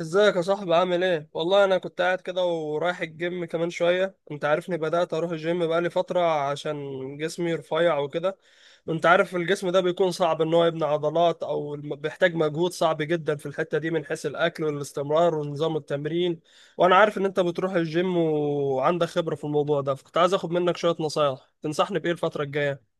ازيك يا صاحبي، عامل ايه؟ والله انا كنت قاعد كده ورايح الجيم كمان شوية. انت عارفني، بدأت اروح الجيم بقالي فترة عشان جسمي رفيع وكده. وانت عارف الجسم ده بيكون صعب ان هو يبني عضلات، او بيحتاج مجهود صعب جدا في الحتة دي من حيث الاكل والاستمرار ونظام التمرين. وانا عارف ان انت بتروح الجيم وعندك خبرة في الموضوع ده، فكنت عايز اخد منك شوية نصايح. تنصحني بايه الفترة الجاية؟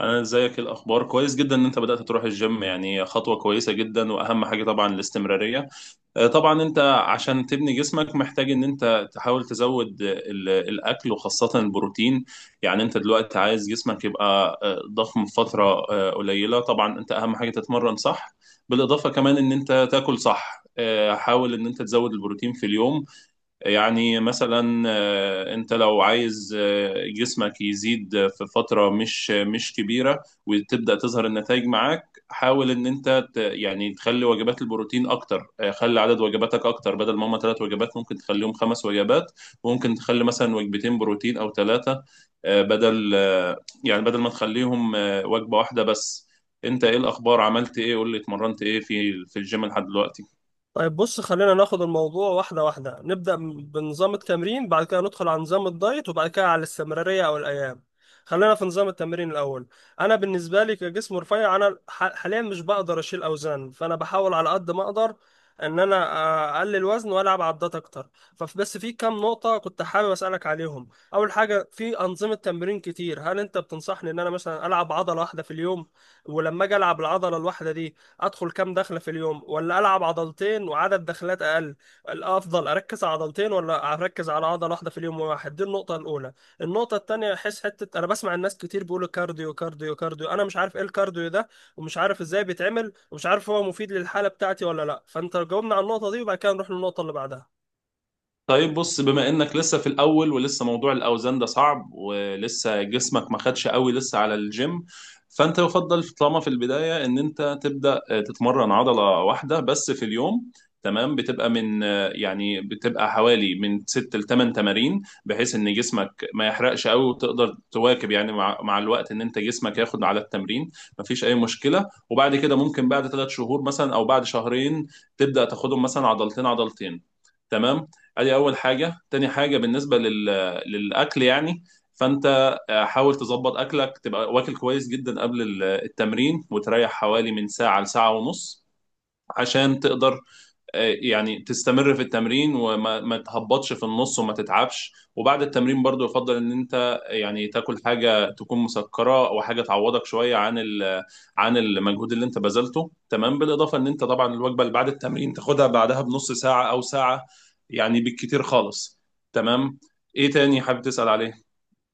انا، ازيك؟ الاخبار كويس جدا ان انت بدات تروح الجيم، يعني خطوه كويسه جدا، واهم حاجه طبعا الاستمراريه. طبعا انت عشان تبني جسمك محتاج ان انت تحاول تزود الاكل وخاصه البروتين. يعني انت دلوقتي عايز جسمك يبقى ضخم في فتره قليله. طبعا انت اهم حاجه تتمرن صح. بالاضافه كمان ان انت تاكل صح. حاول ان انت تزود البروتين في اليوم. يعني مثلا انت لو عايز جسمك يزيد في فترة مش كبيرة وتبدأ تظهر النتائج معاك. حاول ان انت يعني تخلي وجبات البروتين اكتر. خلي عدد وجباتك اكتر، بدل ما هم ثلاث وجبات ممكن تخليهم خمس وجبات. وممكن تخلي مثلا وجبتين بروتين او ثلاثة، بدل ما تخليهم وجبة واحدة بس. انت ايه الاخبار؟ عملت ايه؟ قول لي، اتمرنت ايه في الجيم لحد دلوقتي؟ طيب بص، خلينا ناخد الموضوع واحدة واحدة. نبدأ بنظام التمرين، بعد كده ندخل على نظام الدايت، وبعد كده على الاستمرارية أو الأيام. خلينا في نظام التمرين الأول. أنا بالنسبة لي كجسم رفيع، أنا حاليا مش بقدر أشيل أوزان، فأنا بحاول على قد ما أقدر إن أنا أقلل وزن وألعب عدات أكتر. فبس في كام نقطة كنت حابب أسألك عليهم. أول حاجة، في أنظمة تمرين كتير، هل أنت بتنصحني إن أنا مثلا ألعب عضلة واحدة في اليوم؟ ولما أجي ألعب العضلة الواحدة دي، ادخل كام دخله في اليوم، ولا العب عضلتين وعدد دخلات اقل؟ الافضل اركز على عضلتين، ولا اركز على عضله واحده في اليوم واحد؟ دي النقطه الاولى. النقطه الثانيه، احس حته انا بسمع الناس كتير بيقولوا كارديو كارديو كارديو. انا مش عارف ايه الكارديو ده، ومش عارف ازاي بيتعمل، ومش عارف هو مفيد للحاله بتاعتي ولا لا. فانت جاوبنا على النقطه دي وبعد كده نروح للنقطه اللي بعدها. طيب بص، بما انك لسه في الاول ولسه موضوع الاوزان ده صعب ولسه جسمك ما خدش قوي لسه على الجيم، فانت يفضل طالما في البدايه ان انت تبدا تتمرن عضله واحده بس في اليوم. تمام. بتبقى حوالي من 6 ل 8 تمارين، بحيث ان جسمك ما يحرقش قوي وتقدر تواكب يعني مع الوقت ان انت جسمك ياخد على التمرين. مفيش اي مشكله، وبعد كده ممكن بعد ثلاث شهور مثلا او بعد شهرين تبدا تاخدهم مثلا عضلتين عضلتين. تمام. ادي اول حاجه. تاني حاجه بالنسبه للاكل يعني، فانت حاول تظبط اكلك، تبقى واكل كويس جدا قبل التمرين وتريح حوالي من ساعه لساعه ونص عشان تقدر يعني تستمر في التمرين وما ما تهبطش في النص وما تتعبش. وبعد التمرين برضو يفضل ان انت يعني تاكل حاجه تكون مسكره او حاجه تعوضك شويه عن المجهود اللي انت بذلته. تمام. بالاضافه ان انت طبعا الوجبه اللي بعد التمرين تاخدها بعدها بنص ساعه او ساعه، يعني بالكتير خالص. تمام. ايه تاني حابب تسأل عليه؟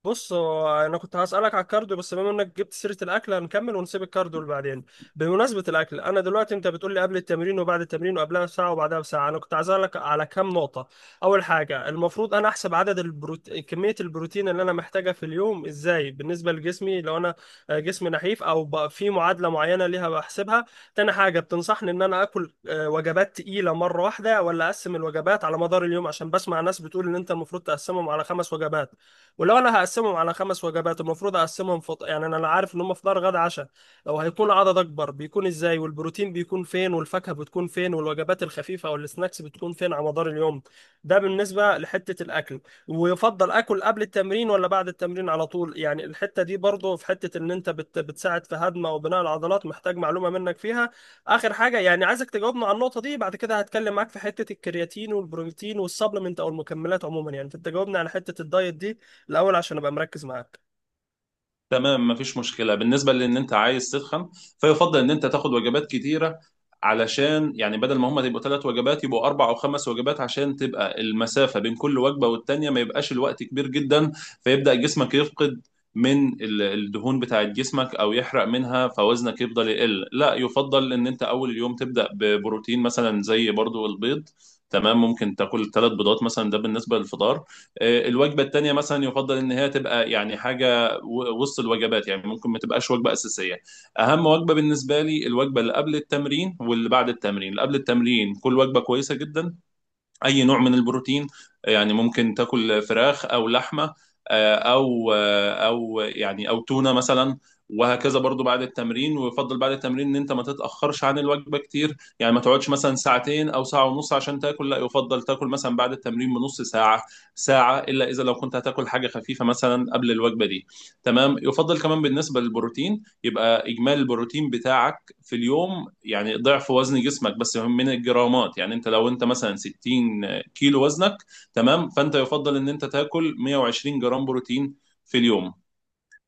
بص هو انا كنت هسألك على الكارديو، بس بما انك جبت سيرة الاكل هنكمل ونسيب الكارديو لبعدين. بمناسبة الاكل، انا دلوقتي انت بتقول لي قبل التمرين وبعد التمرين، وقبلها بساعة وبعدها بساعة. انا كنت هسألك على كام نقطة. اول حاجة، المفروض انا احسب عدد كمية البروتين اللي انا محتاجها في اليوم ازاي بالنسبة لجسمي، لو انا جسمي نحيف او بقى، في معادلة معينة ليها بحسبها؟ تاني حاجة، بتنصحني ان انا اكل وجبات تقيلة مرة واحدة، ولا اقسم الوجبات على مدار اليوم؟ عشان بسمع ناس بتقول ان انت المفروض تقسمهم على خمس وجبات. ولو انا هقسمهم على خمس وجبات، المفروض اقسمهم يعني انا عارف ان هم فطار غدا عشاء. لو هيكون عدد اكبر، بيكون ازاي؟ والبروتين بيكون فين، والفاكهه بتكون فين، والوجبات الخفيفه او السناكس بتكون فين على مدار اليوم؟ ده بالنسبه لحته الاكل. ويفضل اكل قبل التمرين ولا بعد التمرين على طول؟ يعني الحته دي برضو في حته ان انت بتساعد في هضم او بناء العضلات. محتاج معلومه منك فيها. اخر حاجه، يعني عايزك تجاوبنا على النقطه دي، بعد كده هتكلم معاك في حته الكرياتين والبروتين والسبلمنت او المكملات عموما. يعني فانت جاوبنا على حته الدايت دي الاول عشان ابقى مركز معاك. تمام. مفيش مشكلة. بالنسبة لأن أنت عايز تتخن، فيفضل إن أنت تاخد وجبات كتيرة. علشان يعني بدل ما هما تبقوا ثلاث وجبات يبقوا أربع أو خمس وجبات، عشان تبقى المسافة بين كل وجبة والتانية ما يبقاش الوقت كبير جدا، فيبدأ جسمك يفقد من الدهون بتاعت جسمك أو يحرق منها، فوزنك يفضل يقل. لا، يفضل إن أنت أول اليوم تبدأ ببروتين مثلا زي برضو البيض. تمام. ممكن تاكل ثلاث بيضات مثلا، ده بالنسبة للفطار. الوجبة التانية مثلا يفضل إن هي تبقى يعني حاجة وسط الوجبات، يعني ممكن ما تبقاش وجبه اساسيه. اهم وجبه بالنسبه لي الوجبه اللي قبل التمرين واللي بعد التمرين. اللي قبل التمرين كل وجبه كويسه جدا، اي نوع من البروتين. يعني ممكن تاكل فراخ او لحمه، او تونه مثلا، وهكذا. برضو بعد التمرين، ويفضل بعد التمرين ان انت ما تتاخرش عن الوجبه كتير، يعني ما تقعدش مثلا ساعتين او ساعه ونص عشان تاكل. لا، يفضل تاكل مثلا بعد التمرين بنص ساعه ساعه، الا اذا لو كنت هتاكل حاجه خفيفه مثلا قبل الوجبه دي. تمام. يفضل كمان بالنسبه للبروتين يبقى اجمالي البروتين بتاعك في اليوم يعني ضعف وزن جسمك بس من الجرامات. يعني انت لو انت مثلا 60 كيلو وزنك، تمام، فانت يفضل ان انت تاكل 120 جرام بروتين في اليوم.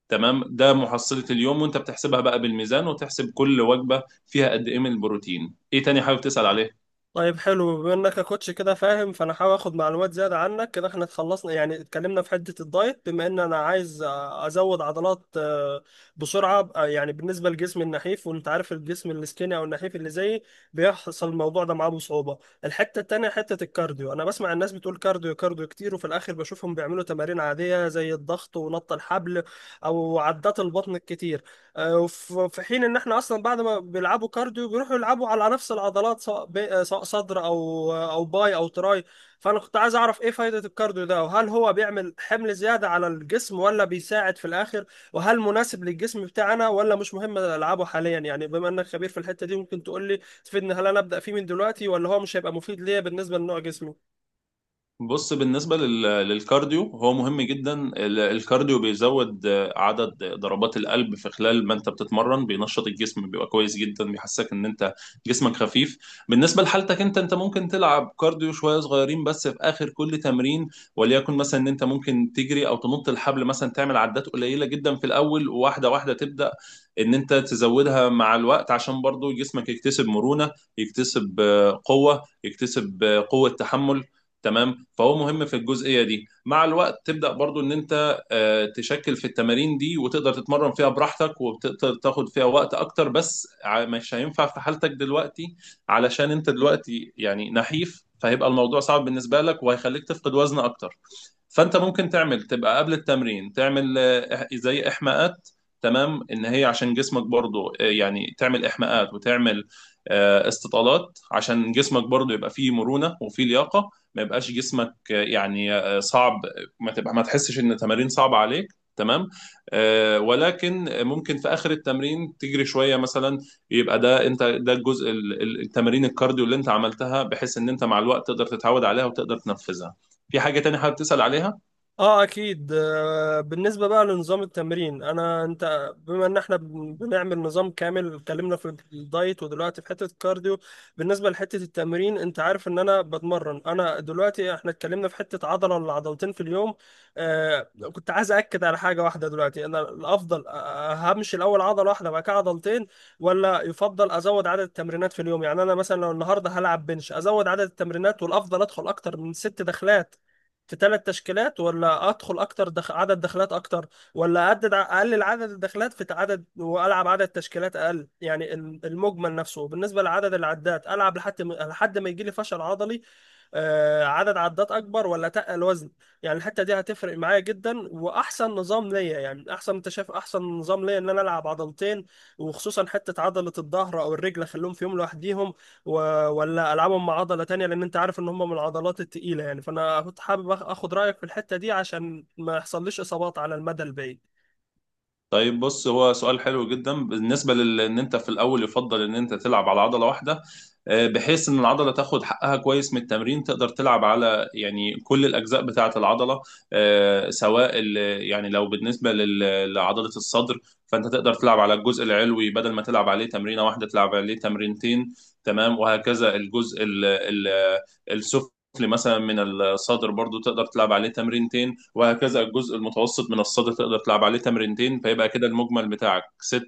تمام، ده محصلة اليوم، وانت بتحسبها بقى بالميزان وتحسب كل وجبة فيها قد ايه من البروتين. ايه تاني حابب تسأل عليه؟ طيب حلو، بما انك يا كوتش كده فاهم، فانا هحاول اخد معلومات زياده عنك كده. احنا اتخلصنا يعني اتكلمنا في حته الدايت، بما ان انا عايز ازود عضلات بسرعه. يعني بالنسبه لجسمي النحيف، وانت عارف الجسم السكيني او النحيف اللي زيي بيحصل الموضوع ده معاه بصعوبه. الحته التانيه، حته الكارديو. انا بسمع الناس بتقول كارديو كارديو كتير، وفي الاخر بشوفهم بيعملوا تمارين عاديه زي الضغط ونط الحبل او عدات البطن الكتير. وفي حين ان احنا اصلا بعد ما بيلعبوا كارديو بيروحوا يلعبوا على نفس العضلات، سواء ب- آه، سواء صدر او باي او تراي. فانا كنت عايز اعرف ايه فايدة الكارديو ده، وهل هو بيعمل حمل زيادة على الجسم ولا بيساعد في الاخر؟ وهل مناسب للجسم بتاعنا ولا مش مهم العبه حاليا؟ يعني بما انك خبير في الحتة دي، ممكن تقول لي تفيدني، هل انا ابدا فيه من دلوقتي ولا هو مش هيبقى مفيد ليا بالنسبة لنوع جسمي؟ بص، بالنسبة للكارديو، هو مهم جدا. الكارديو بيزود عدد ضربات القلب في خلال ما انت بتتمرن، بينشط الجسم، بيبقى كويس جدا، بيحسسك ان انت جسمك خفيف. بالنسبة لحالتك انت ممكن تلعب كارديو شوية صغيرين بس في اخر كل تمرين. وليكن مثلا ان انت ممكن تجري او تنط الحبل مثلا، تعمل عدات قليلة جدا في الاول، وواحدة واحدة تبدأ ان انت تزودها مع الوقت عشان برضو جسمك يكتسب مرونة، يكتسب قوة، يكتسب قوة تحمل. تمام. فهو مهم في الجزئيه دي. مع الوقت تبدا برضو ان انت تشكل في التمارين دي وتقدر تتمرن فيها براحتك وبتقدر تاخد فيها وقت اكتر، بس مش هينفع في حالتك دلوقتي. علشان انت دلوقتي يعني نحيف، فهيبقى الموضوع صعب بالنسبه لك وهيخليك تفقد وزن اكتر. فانت ممكن تعمل تبقى قبل التمرين تعمل زي احماءات. تمام، ان هي عشان جسمك برضو يعني تعمل احماءات وتعمل استطالات عشان جسمك برضو يبقى فيه مرونة وفيه لياقة. ما يبقاش جسمك يعني صعب، ما تحسش ان التمارين صعبه عليك. تمام. ولكن ممكن في اخر التمرين تجري شويه مثلا. يبقى ده ده الجزء التمارين الكارديو اللي انت عملتها، بحيث ان انت مع الوقت تقدر تتعود عليها وتقدر تنفذها. في حاجه تانية حابب تسال عليها؟ اه اكيد. بالنسبه بقى لنظام التمرين، انا انت بما ان احنا بنعمل نظام كامل اتكلمنا في الدايت ودلوقتي في حته الكارديو. بالنسبه لحته التمرين، انت عارف ان انا بتمرن. انا دلوقتي احنا اتكلمنا في حته عضله ولا عضلتين في اليوم. آه. كنت عايز اكد على حاجه واحده دلوقتي. انا الافضل همشي الاول عضله واحده بعد كده عضلتين، ولا يفضل ازود عدد التمرينات في اليوم؟ يعني انا مثلا لو النهارده هلعب بنش، ازود عدد التمرينات والافضل ادخل اكتر من ست دخلات في ثلاث تشكيلات، ولا ادخل اكتر عدد دخلات اكتر؟ ولا اعدد اقلل عدد الدخلات في عدد والعب عدد تشكيلات اقل؟ يعني المجمل نفسه بالنسبه لعدد العدات. العب لحد ما- لحد ما يجي لي فشل عضلي، عدد عدات اكبر ولا تقل الوزن؟ يعني الحته دي هتفرق معايا جدا، واحسن نظام ليا، يعني احسن انت شايف احسن نظام ليا ان انا العب عضلتين، وخصوصا حته عضله الظهر او الرجل اخليهم في يوم لوحديهم و... ولا العبهم مع عضله تانية، لان انت عارف ان هم من العضلات التقيله. يعني فانا كنت حابب اخد رايك في الحته دي عشان ما يحصليش اصابات على المدى البعيد. طيب بص، هو سؤال حلو جدا. بالنسبه ان انت في الاول يفضل ان انت تلعب على عضله واحده، بحيث ان العضله تاخد حقها كويس من التمرين. تقدر تلعب على يعني كل الاجزاء بتاعه العضله، سواء يعني لو بالنسبه لعضله الصدر، فانت تقدر تلعب على الجزء العلوي، بدل ما تلعب عليه تمرينه واحده تلعب عليه تمرينتين. تمام. وهكذا الجزء السفلي مثلا من الصدر برضو تقدر تلعب عليه تمرينتين، وهكذا الجزء المتوسط من الصدر تقدر تلعب عليه تمرينتين، فيبقى كده المجمل بتاعك ست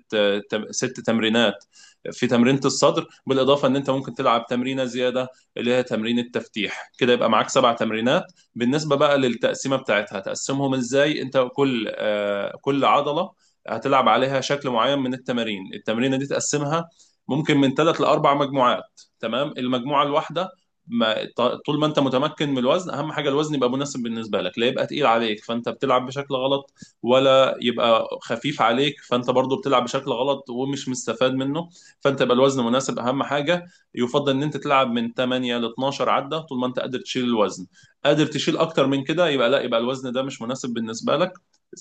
تم- ست تمرينات في تمرينة الصدر. بالإضافة إن أنت ممكن تلعب تمرينة زيادة اللي هي تمرين التفتيح، كده يبقى معاك سبع تمرينات. بالنسبة بقى للتقسيمة بتاعتها تقسمهم إزاي؟ أنت كل عضلة هتلعب عليها شكل معين من التمارين. التمرينة دي تقسمها ممكن من ثلاث لأربع مجموعات. تمام. المجموعة الواحدة ما ط- طول ما انت متمكن من الوزن، اهم حاجه الوزن يبقى مناسب بالنسبه لك. لا يبقى تقيل عليك فانت بتلعب بشكل غلط، ولا يبقى خفيف عليك فانت برضو بتلعب بشكل غلط ومش مستفاد منه. فانت يبقى الوزن مناسب، اهم حاجه. يفضل ان انت تلعب من 8 ل 12 عده طول ما انت قادر تشيل الوزن. قادر تشيل اكتر من كده يبقى لا، يبقى الوزن ده مش مناسب بالنسبه لك.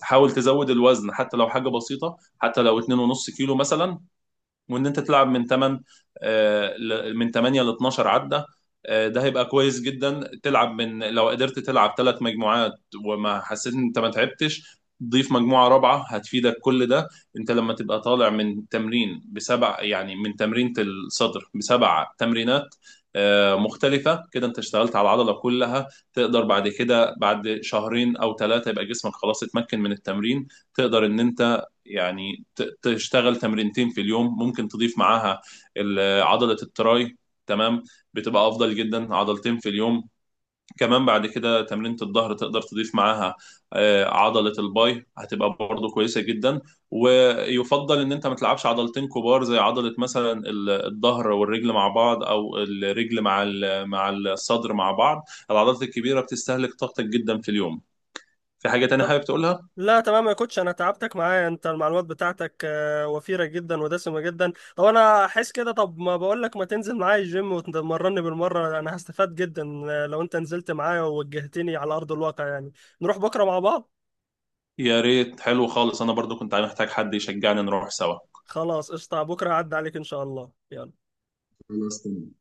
حاول تزود الوزن حتى لو حاجه بسيطه، حتى لو 2.5 كيلو مثلا. وان انت تلعب من 8 ل 12 عده. ده هيبقى كويس جدا. تلعب من لو قدرت تلعب ثلاث مجموعات وما حسيت ان انت ما تعبتش، ضيف مجموعة رابعة هتفيدك كل ده. انت لما تبقى طالع من تمرين بسبع، يعني من تمرينة الصدر بسبع تمرينات مختلفة كده، انت اشتغلت على العضلة كلها. تقدر بعد كده بعد شهرين او ثلاثة يبقى جسمك خلاص اتمكن من التمرين، تقدر ان انت يعني تشتغل تمرينتين في اليوم. ممكن تضيف معاها عضلة التراي. تمام. بتبقى افضل جدا عضلتين في اليوم. كمان بعد كده تمرينة الظهر تقدر تضيف معاها عضلة الباي، هتبقى برضه كويسة جدا. ويفضل ان انت ما تلعبش عضلتين كبار زي عضلة مثلا الظهر والرجل مع بعض، او الرجل مع مع الصدر مع بعض. العضلات الكبيرة بتستهلك طاقتك جدا في اليوم. في حاجة تانية طب حابب تقولها؟ لا، تمام يا كوتش. انا تعبتك معايا. انت المعلومات بتاعتك وفيرة جدا ودسمة جدا. طب انا احس كده، طب ما بقول لك ما تنزل معايا الجيم وتمرني بالمرة؟ انا هستفاد جدا لو انت نزلت معايا ووجهتني على ارض الواقع يعني. نروح بكرة مع بعض؟ يا ريت، حلو خالص. انا برضو كنت محتاج حد يشجعني، نروح سوا. خلاص قشطة، بكرة عدى عليك ان شاء الله. يلا. خلاص تمام.